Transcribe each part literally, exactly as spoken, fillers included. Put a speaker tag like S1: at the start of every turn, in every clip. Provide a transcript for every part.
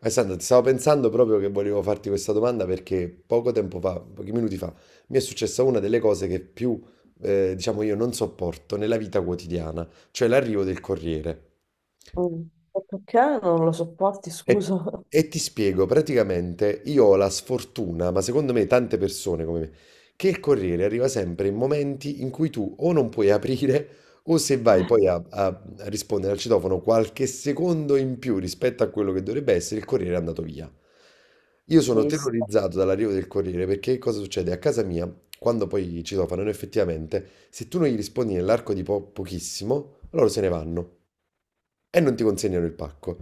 S1: Alessandro, ti stavo pensando proprio che volevo farti questa domanda perché poco tempo fa, pochi minuti fa, mi è successa una delle cose che più, eh, diciamo, io non sopporto nella vita quotidiana, cioè l'arrivo del corriere.
S2: Mm. E Perché non lo sopporti,
S1: E,
S2: scusa?
S1: e ti spiego, praticamente io ho la sfortuna, ma secondo me tante persone come me, che il Corriere arriva sempre in momenti in cui tu o non puoi aprire o se vai poi a, a a rispondere al citofono qualche secondo in più rispetto a quello che dovrebbe essere, il Corriere è andato via. Io sono
S2: Sì, sì.
S1: terrorizzato dall'arrivo del Corriere perché cosa succede? A casa mia, quando poi citofonano effettivamente, se tu non gli rispondi nell'arco di po- pochissimo, loro se ne vanno e non ti consegnano il pacco.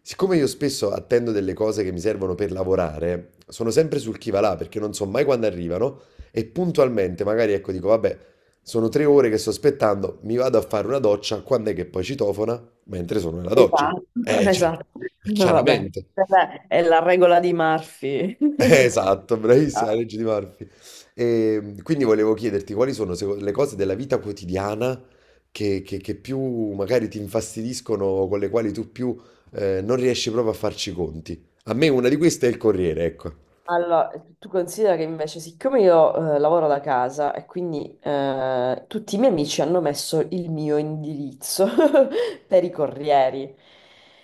S1: Siccome io spesso attendo delle cose che mi servono per lavorare, sono sempre sul chi va là perché non so mai quando arrivano e puntualmente magari ecco dico vabbè, sono tre ore che sto aspettando, mi vado a fare una doccia, quando è che poi citofona? Mentre sono nella doccia.
S2: Esatto.
S1: Eh, cioè,
S2: Esatto. Vabbè.
S1: chiaramente.
S2: Vabbè, è la regola di Murphy.
S1: Eh, Esatto, bravissima, la legge di Murphy. E, quindi volevo chiederti quali sono seco- le cose della vita quotidiana che, che- che più magari ti infastidiscono, o con le quali tu più eh, non riesci proprio a farci i conti. A me una di queste è il Corriere, ecco.
S2: Allora, tu considera che invece, siccome io eh, lavoro da casa e quindi eh, tutti i miei amici hanno messo il mio indirizzo per i corrieri.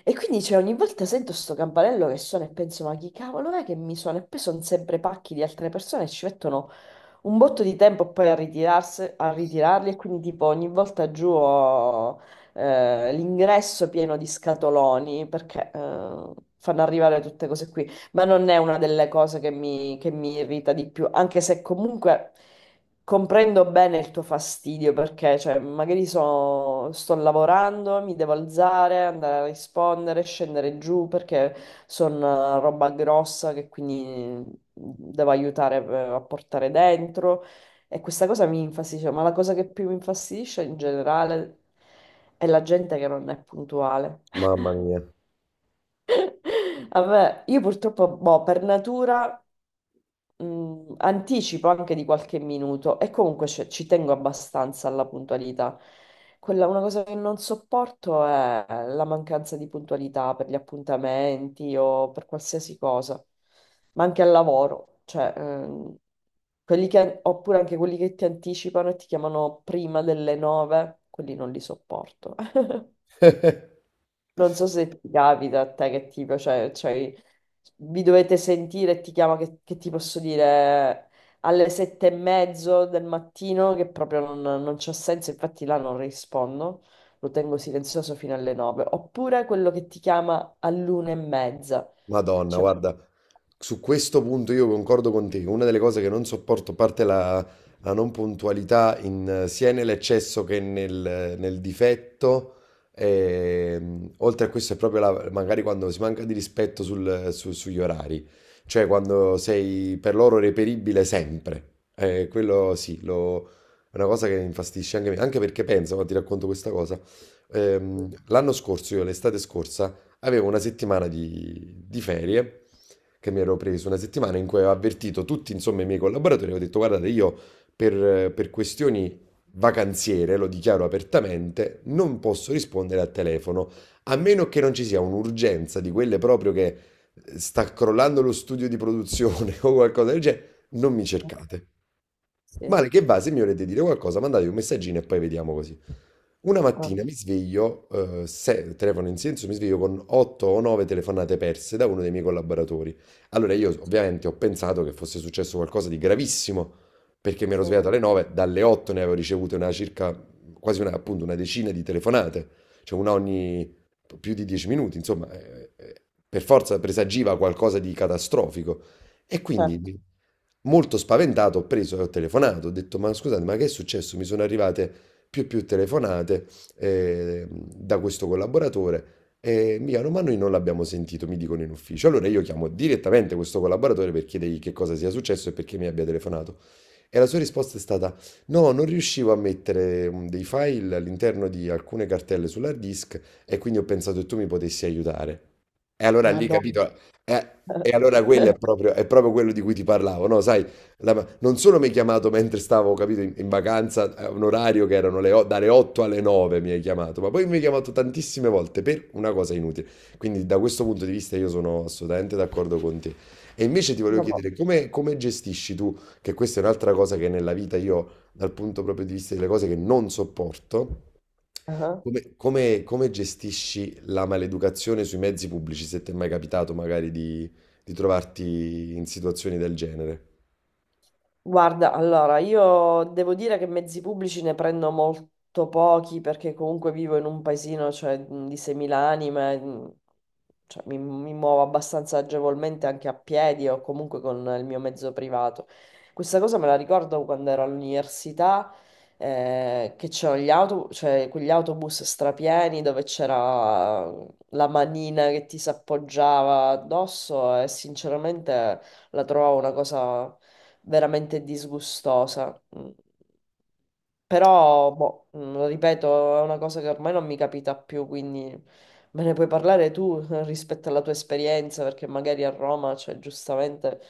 S2: E quindi cioè, ogni volta sento sto campanello che suona e penso, ma chi cavolo è che mi suona? E poi sono sempre pacchi di altre persone e ci mettono un botto di tempo poi a ritirarsi, a ritirarli e quindi tipo ogni volta giù ho eh, l'ingresso pieno di scatoloni perché eh, fanno arrivare tutte cose qui. Ma non è una delle cose che mi, che mi irrita di più, anche se comunque comprendo bene il tuo fastidio, perché cioè, magari so- sto lavorando, mi devo alzare, andare a rispondere, scendere giù, perché sono roba grossa che quindi mm, devo aiutare eh, a portare dentro. E questa cosa mi infastidisce, ma la cosa che più mi infastidisce in generale è la gente che non è puntuale.
S1: Mamma mia.
S2: Vabbè, io purtroppo, boh, per natura mh, anticipo anche di qualche minuto e comunque cioè, ci tengo abbastanza alla puntualità. Quella, una cosa che non sopporto è la mancanza di puntualità per gli appuntamenti o per qualsiasi cosa, ma anche al lavoro, cioè, ehm, quelli che- oppure anche quelli che ti anticipano e ti chiamano prima delle nove, quelli non li sopporto. Non so se ti capita a te che tipo, cioè, cioè, vi dovete sentire e ti chiama che, che ti posso dire alle sette e mezzo del mattino che proprio non, non c'ha senso, infatti là non rispondo, lo tengo silenzioso fino alle nove, oppure quello che ti chiama all'una e mezza,
S1: Madonna,
S2: cioè,
S1: guarda, su questo punto io concordo con te. Una delle cose che non sopporto, a parte la, la non puntualità, in- sia nell'eccesso che nel, nel difetto, ehm, oltre a questo è proprio la- magari quando si manca di rispetto sul- su- sugli orari, cioè quando sei per loro reperibile sempre. Eh, quello sì, lo- è una cosa che mi infastidisce anche me, anche perché penso, ma ti racconto questa cosa. Ehm, l'anno scorso, io l'estate scorsa, avevo una settimana di, di ferie che mi ero preso, una settimana in cui avevo avvertito tutti, insomma, i miei collaboratori, avevo detto, guardate, io per, per questioni vacanziere, lo dichiaro apertamente, non posso rispondere al telefono, a meno che non ci sia un'urgenza di quelle proprio che sta crollando lo studio di produzione o qualcosa del genere, non mi cercate.
S2: sì,
S1: Male che va, se mi volete dire qualcosa, mandate un messaggino e poi vediamo così. Una mattina
S2: ok,
S1: mi sveglio, eh, se- telefono in silenzio, mi sveglio con otto o nove telefonate perse da uno dei miei collaboratori. Allora io ovviamente ho pensato che fosse successo qualcosa di gravissimo, perché mi ero
S2: sì,
S1: svegliato alle nove, dalle otto ne avevo ricevute una circa, quasi una, appunto una decina di telefonate, cioè una ogni più di dieci minuti, insomma, eh, eh, per forza presagiva qualcosa di catastrofico. E
S2: certo,
S1: quindi, molto spaventato, ho preso e ho telefonato, ho detto, ma scusate, ma che è successo? Mi sono arrivate più e più telefonate eh, da questo collaboratore e mi chiamano, ma noi non l'abbiamo sentito, mi dicono in ufficio. Allora io chiamo direttamente questo collaboratore per chiedergli che cosa sia successo e perché mi abbia telefonato. E la sua risposta è stata: No, non riuscivo a mettere mm, dei file all'interno di alcune cartelle sull'hard disk e quindi ho pensato che tu mi potessi aiutare. E allora lì,
S2: Madonna.
S1: capito? eh, e allora quello è proprio, è proprio quello di cui ti parlavo, no? Sai, la- non solo mi hai chiamato mentre stavo, capito, in, in vacanza, a un orario che erano le o- dalle otto alle nove mi hai chiamato, ma poi mi hai chiamato tantissime volte per una cosa inutile. Quindi da questo punto di vista io sono assolutamente d'accordo con te. E invece ti volevo
S2: Vabbè.
S1: chiedere come, come gestisci tu che questa è un'altra cosa che nella vita io, dal punto proprio di vista delle cose che non sopporto,
S2: Ah.
S1: come, come- come gestisci la maleducazione sui mezzi pubblici, se ti è mai capitato magari di, di trovarti in situazioni del genere?
S2: Guarda, allora, io devo dire che mezzi pubblici ne prendo molto pochi perché comunque vivo in un paesino, cioè, mh, di seimila anime, mh, cioè, mi, mi muovo abbastanza agevolmente anche a piedi o comunque con il mio mezzo privato. Questa cosa me la ricordo quando ero all'università, eh, che c'erano gli autobus, cioè, quegli autobus strapieni dove c'era la manina che ti s'appoggiava addosso e sinceramente la trovavo una cosa veramente disgustosa. Mm. Però, boh, mm, lo ripeto, è una cosa che ormai non mi capita più, quindi me ne puoi parlare tu eh, rispetto alla tua esperienza, perché magari a Roma, cioè, giustamente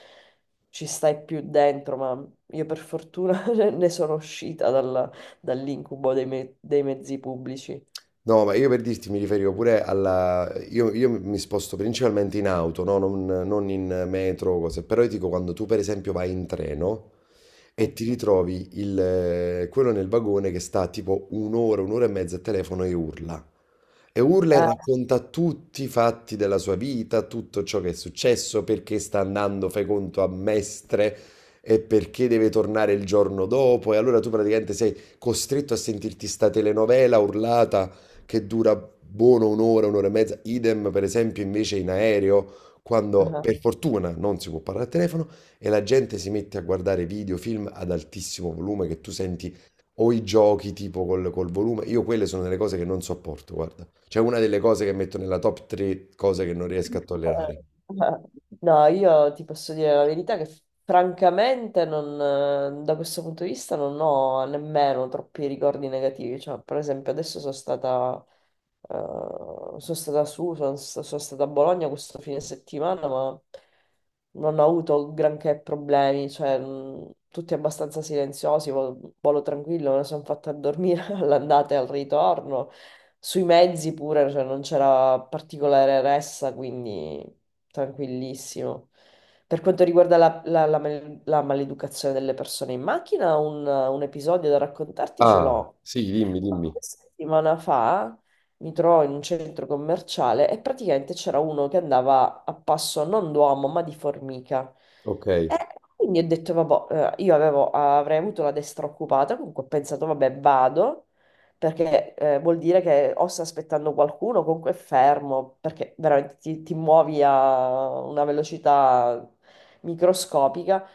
S2: ci stai più dentro, ma io per fortuna ne sono uscita dalla- dall'incubo dei, me- dei mezzi pubblici.
S1: No, ma io per dirti mi riferivo pure alla... Io, io mi sposto principalmente in auto, no? Non, non in metro o cose, però io dico quando tu per esempio vai in treno e ti
S2: Ok.
S1: ritrovi il, eh, quello nel vagone che sta tipo un'ora, un'ora e mezza a telefono e urla. E urla e racconta tutti i fatti della sua vita, tutto ciò che è successo, perché sta andando, fai conto, a Mestre e perché deve tornare il giorno dopo. E allora tu praticamente sei costretto a sentirti sta telenovela urlata che dura buono un'ora, un'ora e mezza. Idem, per esempio, invece in aereo. Quando
S2: Eh,
S1: per fortuna non si può parlare al telefono e la gente si mette a guardare video, film ad altissimo volume che tu senti o i giochi tipo col, col volume, io quelle sono delle cose che non sopporto, guarda. C'è una delle cose che metto nella top tre cose che non riesco a tollerare.
S2: eh, eh. No, io ti posso dire la verità che francamente non, eh, da questo punto di vista non ho nemmeno troppi ricordi negativi. Cioè, per esempio, adesso sono stata, eh, sono stata su, sono, sta- sono stata a Bologna questo fine settimana, ma non ho avuto granché problemi. Cioè, mh, tutti abbastanza silenziosi, vo- volo tranquillo, me ne sono fatta a dormire all'andata e al ritorno. Sui mezzi pure, cioè, non c'era particolare ressa, quindi tranquillissimo. Per quanto riguarda la, la- la mal- la maleducazione delle persone in macchina, un, un episodio da raccontarti ce
S1: Ah,
S2: l'ho
S1: sì, dimmi, dimmi.
S2: qualche settimana fa mi trovo in un centro commerciale e praticamente c'era uno che andava a passo non d'uomo ma di formica.
S1: Ok.
S2: E
S1: Eh,
S2: quindi ho detto, vabbè, eh, io avevo- avrei avuto la destra occupata, comunque ho pensato, vabbè, vado, perché eh, vuol dire che o sta aspettando qualcuno, comunque è fermo, perché veramente ti ti muovi a una velocità microscopica.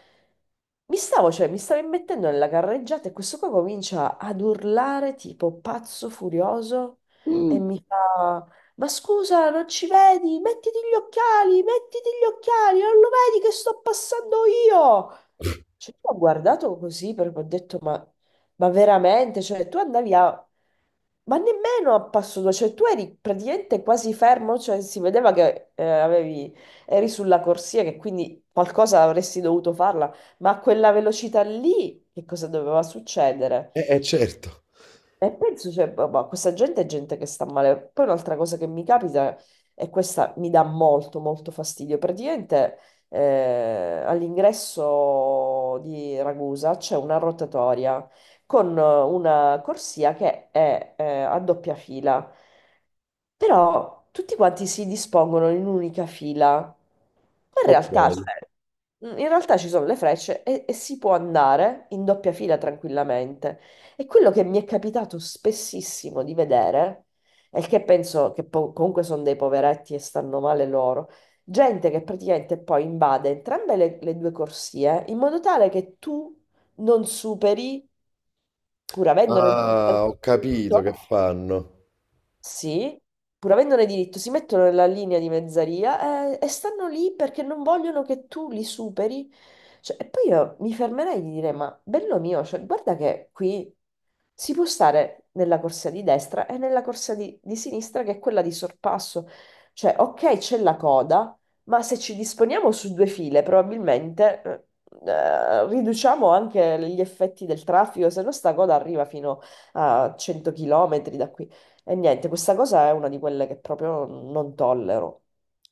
S2: Mi stavo, cioè, mi stavo immettendo nella carreggiata e questo qua comincia ad urlare tipo pazzo furioso e mi fa: ma scusa, non ci vedi? Mettiti gli occhiali, mettiti gli occhiali, non lo vedi che sto passando io? Cioè, io ho guardato così perché ho detto: Ma, ma veramente? Cioè, tu andavi a. Ma nemmeno a passo due, cioè tu eri praticamente quasi fermo, cioè si vedeva che eh, avevi, eri sulla corsia, che quindi qualcosa avresti dovuto farla ma a quella velocità lì, che cosa doveva succedere?
S1: eh, certo.
S2: E penso, cioè, boh, boh, questa gente è gente che sta male. Poi un'altra cosa che mi capita, e questa mi dà molto, molto fastidio, praticamente eh, all'ingresso di Ragusa c'è una rotatoria con eh, una corsia che è eh, a doppia fila, però tutti quanti si dispongono in un'unica fila. Ma In
S1: Ok.
S2: realtà, cioè, Mm, in realtà ci sono le frecce e, e si può andare in doppia fila tranquillamente. E quello che mi è capitato spessissimo di vedere, e che penso che po- comunque sono dei poveretti e stanno male loro, gente che praticamente poi invade entrambe le, le due corsie in modo tale che tu non superi, pur avendone il
S1: Ah, ho capito
S2: diritto,
S1: che fanno.
S2: sì, pur avendone diritto, si mettono nella linea di mezzaria eh, e, stanno lì perché non vogliono che tu li superi. Cioè, e poi io mi fermerei di dire, ma bello mio, cioè, guarda che qui si può stare nella corsia di destra e nella corsia di, di sinistra, che è quella di sorpasso. Cioè, ok, c'è la coda, ma se ci disponiamo su due file, probabilmente eh, eh, riduciamo anche gli effetti del traffico, se no sta coda arriva fino a cento chilometri da qui. E niente, questa cosa è una di quelle che proprio non tollero.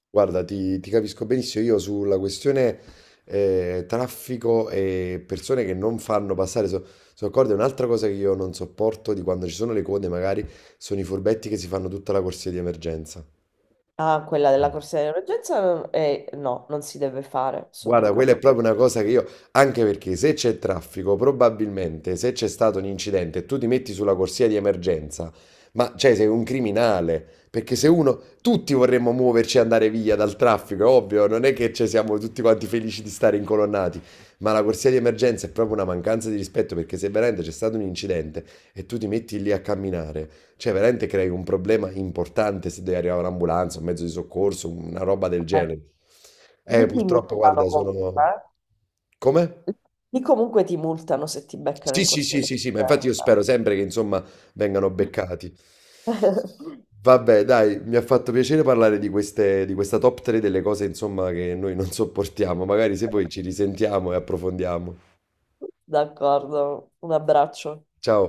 S1: Guarda, ti, ti capisco benissimo. Io sulla questione eh, traffico e persone che non fanno passare, so- sono d'accordo. E un'altra cosa che io non sopporto di quando ci sono le code, magari, sono i furbetti che si fanno tutta la corsia di emergenza.
S2: Ah, quella della corsia di emergenza, eh, no, non si deve fare, sono
S1: Guarda, quella è
S2: d'accordo.
S1: proprio una cosa che io, anche perché se c'è traffico, probabilmente se c'è stato un incidente e tu ti metti sulla corsia di emergenza, ma cioè sei un criminale, perché se uno, tutti vorremmo muoverci e andare via dal traffico, è ovvio, non è che ci siamo tutti quanti felici di stare incolonnati, ma la corsia di emergenza è proprio una mancanza di rispetto perché se veramente c'è stato un incidente e tu ti metti lì a camminare, cioè, veramente crei un problema importante se deve arrivare un'ambulanza, un mezzo di soccorso, una roba del
S2: Eh,
S1: genere. Eh,
S2: Lì ti
S1: purtroppo,
S2: multano
S1: guarda, sono...
S2: comunque.
S1: Come?
S2: Eh. Lì comunque ti multano se ti beccano
S1: Sì,
S2: in
S1: sì,
S2: corsia
S1: sì,
S2: di
S1: sì, sì, ma infatti io spero sempre che, insomma, vengano
S2: emergenza.
S1: beccati. Vabbè, dai, mi ha fatto piacere parlare di queste, di questa top tre delle cose, insomma, che noi non sopportiamo. Magari se poi ci risentiamo e approfondiamo.
S2: D'accordo, un abbraccio.
S1: Ciao.